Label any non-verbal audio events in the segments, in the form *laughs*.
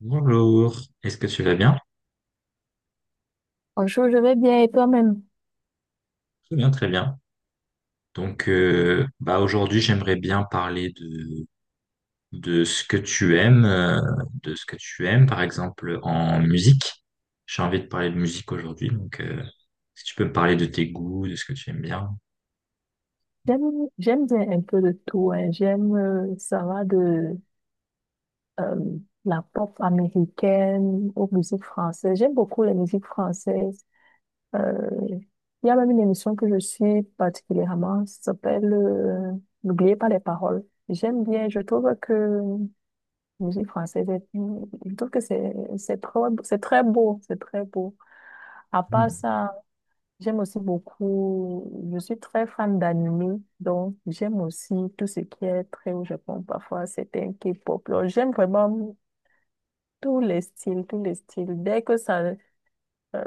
Bonjour, est-ce que tu vas bien? Bonjour, je vais bien et toi-même? Très bien, très bien. Donc, aujourd'hui, j'aimerais bien parler de ce que tu aimes, de ce que tu aimes, par exemple en musique. J'ai envie de parler de musique aujourd'hui, donc si tu peux me parler de tes goûts, de ce que tu aimes bien. J'aime, j'aime bien un peu de tout, hein. J'aime, ça va de euh, la pop américaine aux musiques françaises. J'aime beaucoup les musiques françaises. Euh, il y a même une émission que je suis particulièrement, ça s'appelle N'oubliez pas les paroles. J'aime bien, je trouve que la musique française, je trouve que c'est c'est très beau, c'est très beau. À part Mm. ça, j'aime aussi beaucoup, je suis très fan d'anime, donc j'aime aussi tout ce qui est très au Japon, parfois c'est un K-pop là. J'aime vraiment tous les styles, tous les styles. Dès que ça, euh,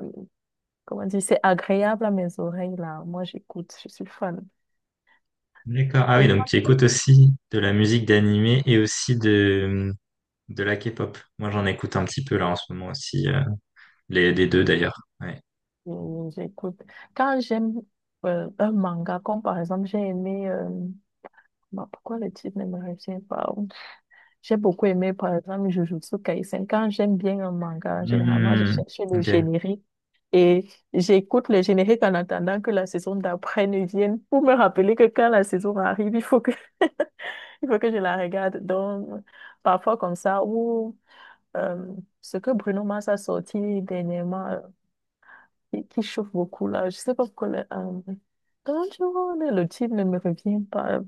comment dire, c'est agréable à mes oreilles, là, moi j'écoute, je suis fan. D'accord. Ah oui, Et donc toi, tu écoutes aussi de la musique d'animé et aussi de la K-pop. Moi, j'en écoute un petit peu là en ce moment aussi, les deux d'ailleurs. Ouais. J'écoute. Quand j'aime un manga, comme par exemple, j'ai aimé, bah, pourquoi le titre ne me revient pas? J'ai beaucoup aimé, par exemple, Jujutsu Kaisen. Quand j'aime bien un manga, généralement, je Hmm, cherche le ok. générique et j'écoute le générique en attendant que la saison d'après ne vienne pour me rappeler que quand la saison arrive, il faut que, *laughs* il faut que je la regarde. Donc, parfois comme ça, ou euh, ce que Bruno Mars a sorti dernièrement, qui chauffe beaucoup là, je sais pas pourquoi le, Don't you le titre ne me revient pas.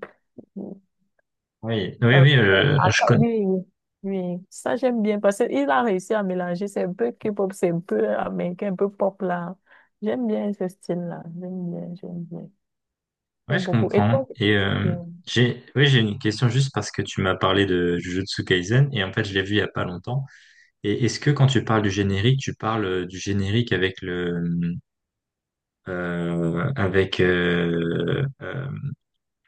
Oui, oui, Euh, oui, ouais, je attends, connais. oui, oui, oui. Ça j'aime bien parce qu'il a réussi à mélanger, c'est un peu K-pop, c'est un peu américain, un peu pop là. J'aime bien ce style-là, Ouais, j'aime je beaucoup. Et comprends. toi, Et euh, oui, j'ai une question juste parce que tu m'as parlé de Jujutsu Kaisen et en fait, je l'ai vu il y a pas longtemps. Et est-ce que quand tu parles du générique, tu parles du générique avec euh, avec euh, euh,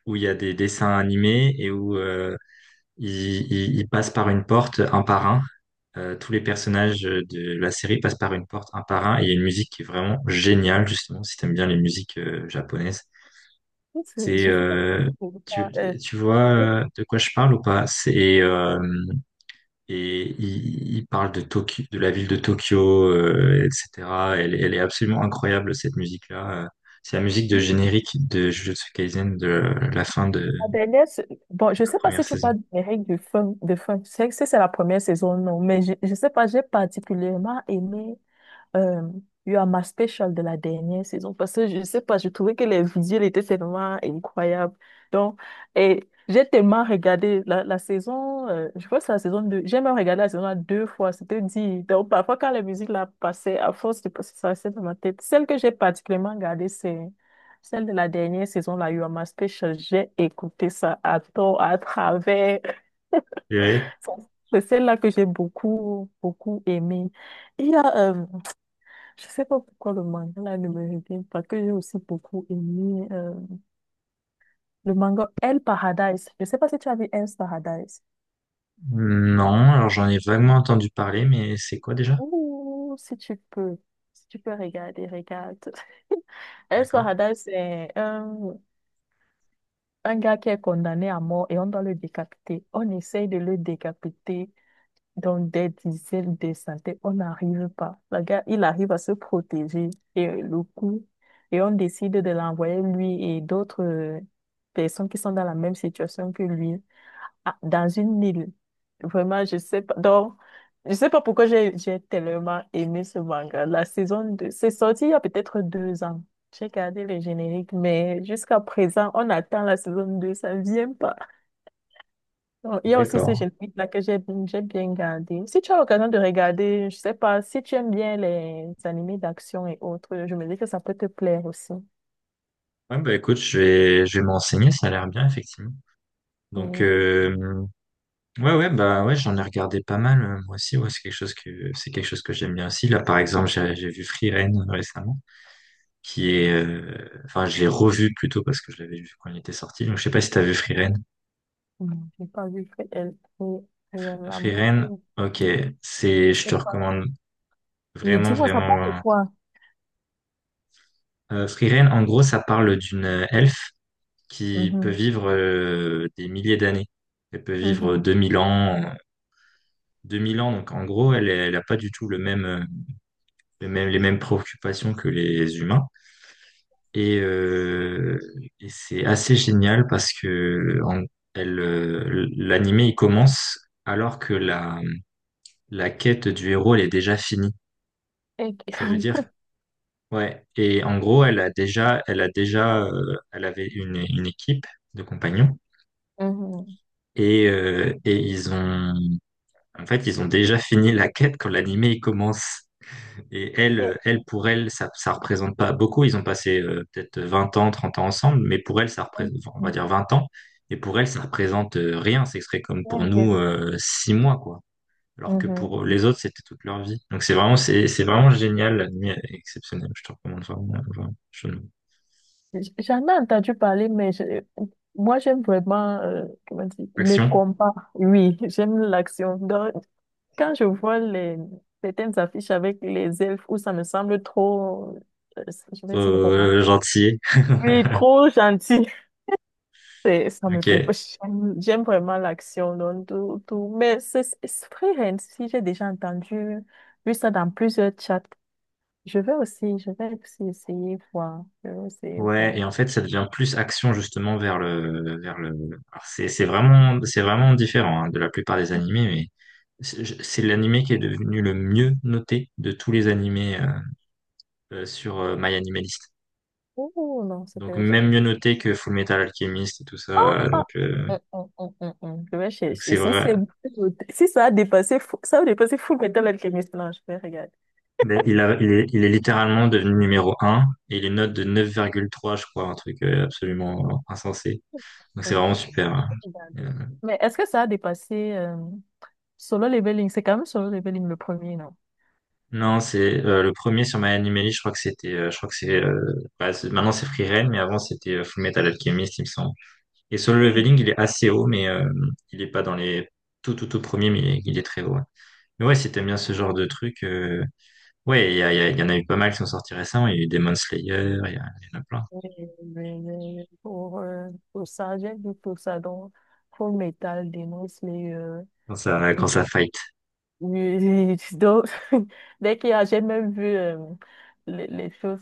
où il y a des dessins animés et où ils passent par une porte un par un. Tous les personnages de la série passent par une porte un par un. Et il y a une musique qui est vraiment géniale, justement, si t'aimes bien les musiques japonaises. C'est, je sais pas euh, si tu tu, parles, tu et- vois de quoi je parle ou pas? Et il parle de Tokyo, de la ville de Tokyo, etc. Elle est absolument incroyable, cette musique-là. C'est la musique de générique de Jujutsu Kaisen de la fin de, et de la dernière, bon, je la sais pas première si tu saison. parles des règles du funk, de funk, je sais que c'est la première saison, non, mais je sais pas, j'ai particulièrement aimé euh, eu à ma special de la dernière saison parce que je sais pas, je trouvais que les visuels étaient tellement incroyables. Donc, et j'ai tellement regardé la saison, je crois que c'est la saison deux, j'ai même regardé la saison 1 deux fois, c'était dit. Donc, parfois, quand la musique la passait, à force de passer, ça restait dans ma tête. Celle que j'ai particulièrement regardée, c'est celle de la dernière saison, la You Are My Special. J'ai écouté ça à tort, à travers. *laughs* C'est celle-là que j'ai beaucoup, beaucoup aimée. Il y a je sais pas pourquoi le manga là ne me revient pas, que j'ai aussi beaucoup aimé le manga El Paradise. Je sais pas si tu as vu El Paradise. Non, alors j'en ai vaguement entendu parler, mais c'est quoi déjà? Ouh, si tu peux, si tu peux regarder, regarde. *laughs* El D'accord. Paradise, c'est un gars qui est condamné à mort et on doit le décapiter. On essaye de le décapiter. Donc, des dizaines de centaines, on n'arrive pas. Le gars, il arrive à se protéger et et on décide de l'envoyer lui et d'autres personnes qui sont dans la même situation que lui dans une île. Vraiment, je sais pas. Donc, je sais pas pourquoi j'ai tellement aimé ce manga. La saison 2, c'est sorti il y a peut-être deux ans. J'ai gardé le générique, mais jusqu'à présent, on attend la saison 2, ça ne vient pas. Bon, il y a aussi ce D'accord. générique-là que j'ai bien gardé. Si tu as l'occasion de regarder, je sais pas, si tu aimes bien les animés d'action et autres, je me dis que ça peut te plaire aussi. Ouais, bah écoute, je vais me renseigner, ça a l'air bien, effectivement. Donc, Hum, ouais, ouais, bah ouais, j'en ai regardé pas mal, moi aussi, ouais, c'est quelque chose que j'aime bien aussi. Là, par exemple, j'ai vu Free Rein récemment, qui est, enfin, je l'ai revu plutôt parce que je l'avais vu quand il était sorti, donc je sais pas si t'as vu Free Rein. J'ai pas vu. Elle- Elle est là, Free moi, Rein, ok, c'est, je je sais te pas. recommande Oui, vraiment, dis-moi, ça parle de vraiment, quoi? Free Rein, en gros, ça parle d'une elfe qui peut Mhm, vivre des milliers d'années. Elle peut vivre mhm. 2000 ans, 2000 ans. Donc en gros, elle, elle a pas du tout le même, les mêmes préoccupations que les humains. Et, euh, et c'est assez génial parce que elle, l'animé il commence alors que la quête du héros elle est déjà finie. Et- Ça veut dire *laughs* ouais. Et en gros, elle a déjà, elle avait une équipe de compagnons. Mhm. Et ils ont En fait, ils ont déjà fini la quête quand l'animé il commence. Et Et- elle, ça représente pas beaucoup. Ils ont passé peut-être 20 ans, 30 ans ensemble, mais pour elle, enfin, on va dire Mhm. 20 ans. Et pour elle, ça représente rien. Ce serait comme Oui, pour oui, nous, oui. 6 mois, quoi. Alors que pour Mhm. les autres, c'était toute leur vie. Donc c'est vraiment, c'est vraiment génial. L'animé est exceptionnel. Je te recommande vraiment, vraiment, J- J'en ai entendu parler, mais moi, j'aime vraiment, comment dire, le Action. combat. Oui, *laughs* j'aime l'action. Donc, quand je vois certaines affiches avec les elfes où ça me semble trop, euh, je vais dire romantique. Gentil. Oui, *laughs* trop gentil. Ça me Ok. plaît pas. J'aime vraiment l'action, donc tout, tout. Mais c'est vrai, hein, si j'ai déjà entendu, vu ça dans plusieurs chats. Je vais aussi essayer voir. Je vais essayer Ouais, voir. et en fait, ça devient plus action justement vers vers le. Alors, c'est vraiment différent hein, de la plupart des animés, mais c'est c'est l'animé qui est devenu le mieux noté de tous les animés sur MyAnimalist. Oh non, c'est Donc pas... même mieux noté que Fullmetal Alchemist et tout Ah, ça. ah, Donc euh, hum. Je vais chercher. donc Si, c'est vrai. Si ça a dépassé, ça a dépassé Full Metal Alchemist, non, je vais regarder. Mais il est littéralement devenu numéro un et il est note de 9,3, je crois, un truc absolument insensé. Donc Je c'est vais vraiment super, hein. regarder. Euh, Mais est-ce que ça a dépassé Solo Leveling? C'est quand même Solo Leveling le premier, non? Non, c'est le premier sur My Anime je crois que c'était, je crois que c'est, bah, c'est- maintenant c'est Free Reign, mais avant c'était Fullmetal Alchemist, il me semble. Et Solo Hmm. Leveling, il est assez haut, mais il est pas dans les tout tout tout premiers, mais il est très haut, ouais. Mais ouais, si t'aimes bien ce genre de truc, ouais, il y en a eu pas mal qui sont sortis récemment. Il y a eu Demon Slayer, il y en a plein. Pour, pour ça, j'ai vu pour ça, donc Full Metal dénonce les, Quand ça fight. Donc, *laughs* dès qu'il y a, j'ai même vu les choses.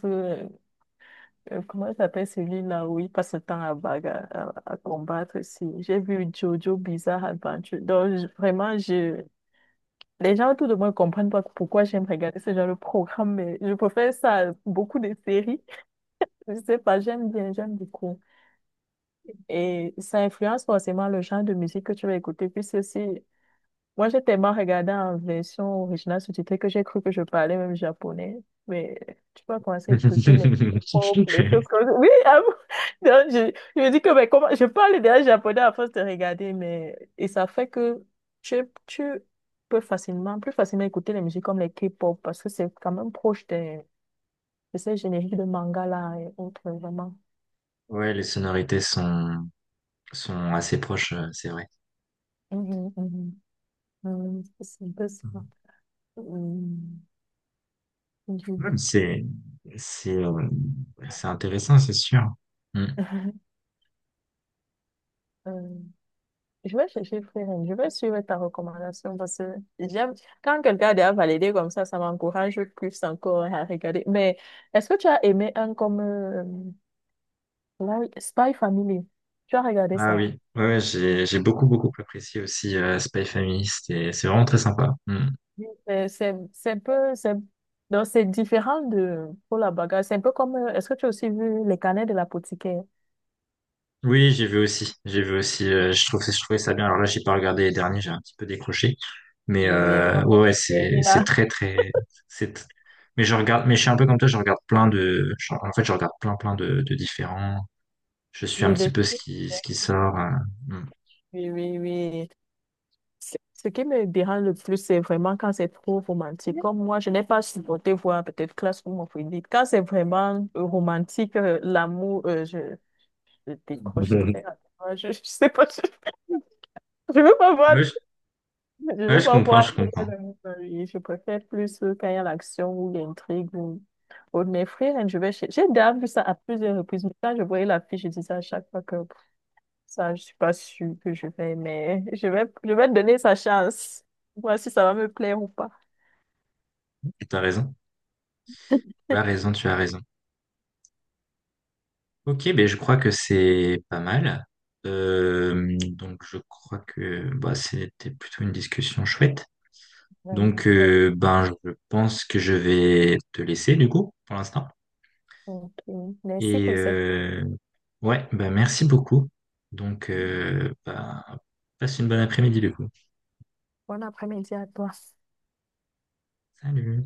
Comment s'appelle celui-là où il passe son temps à, à combattre aussi. J'ai vu Jojo Bizarre Adventure. Donc, vraiment, je... les gens autour de moi ne comprennent pas pourquoi j'aime regarder ce genre de programme, mais je préfère ça à beaucoup de séries. Je sais pas, j'aime bien, j'aime beaucoup. Et ça influence forcément le genre de musique que tu vas écouter. Puis c'est aussi moi, j'ai tellement regardé en version originale sous-titrée que j'ai cru que je parlais même japonais. Mais tu peux commencer à écouter les pop, les choses *laughs* comme ça. Oui, ah bon. *laughs* Donc, je me dis que mais comment... je parle déjà japonais à force de regarder. Mais... Et ça fait que tu, tu peux facilement, plus facilement écouter les musiques comme les K-pop parce que c'est quand même proche de, ces génériques de manga là et autres, vraiment. Ouais, les sonorités sont assez proches, c'est vrai. Mhm, mhm. Mhm, c'est un peu ça. Mhm. Ouais, Je- mais c'est, c'est, euh, c'est intéressant, c'est sûr. Mm. *laughs* euh, je vais chercher Freeline, je vais suivre ta recommandation parce que j'aime quand quelqu'un a déjà validé comme ça m'encourage plus encore à regarder. Mais est-ce que tu as aimé un comme Spy Family? Tu as regardé Ah ça? oui, ouais, ouais, j'ai beaucoup, beaucoup apprécié aussi Spy Family. C'est vraiment très sympa. Mm. Oui. C'est un peu, c'est donc c'est différent de pour la bagarre. C'est un peu comme, est-ce que tu as aussi vu Les Canets de l'apothicaire? Oui, j'ai vu aussi. J'ai vu aussi. Je trouvais ça bien. Alors là, j'ai pas regardé les derniers, j'ai un petit peu décroché. Mais Oui, oui, moi, ouais, ouais, j'ai aimé c'est là. très, très, c'est. tr- mais je regarde. Mais je suis un peu comme toi. Je regarde plein en fait, je regarde plein, plein de différents. Je suis un Oui, petit peu ce qui sort, mm. oui, oui, oui. Ce qui me dérange le plus, c'est vraiment quand c'est trop romantique. Comme moi, je n'ai pas supporté voir peut-être Classroom of. Quand c'est vraiment romantique, l'amour, je décroche très *laughs* rapidement. Je sais pas, *laughs* je veux pas voir, Ouais, je je ouais, veux je pas comprends, voir je de comprends. l'amour dans la vie. Je préfère plus quand il y a l'action ou l'intrigue ou de mes frères, hein, j'ai déjà vu ça à plusieurs reprises. Mais quand je voyais la fille, je disais à chaque fois que pff, ça, je suis pas sûre que je vais, mais je vais donner sa chance. Voir si ça va me plaire ou pas. T'as raison. Tu as raison, tu as raison. Ok, ben je crois que c'est pas mal. Donc je crois que bah, c'était plutôt une discussion chouette. Vraiment Donc pas. Ben je pense que je vais te laisser du coup pour l'instant. Ok. Merci Et pour cette ouais, ben merci beaucoup. Donc ben, passe une bonne après-midi du coup. bonne après-midi à toi. Salut.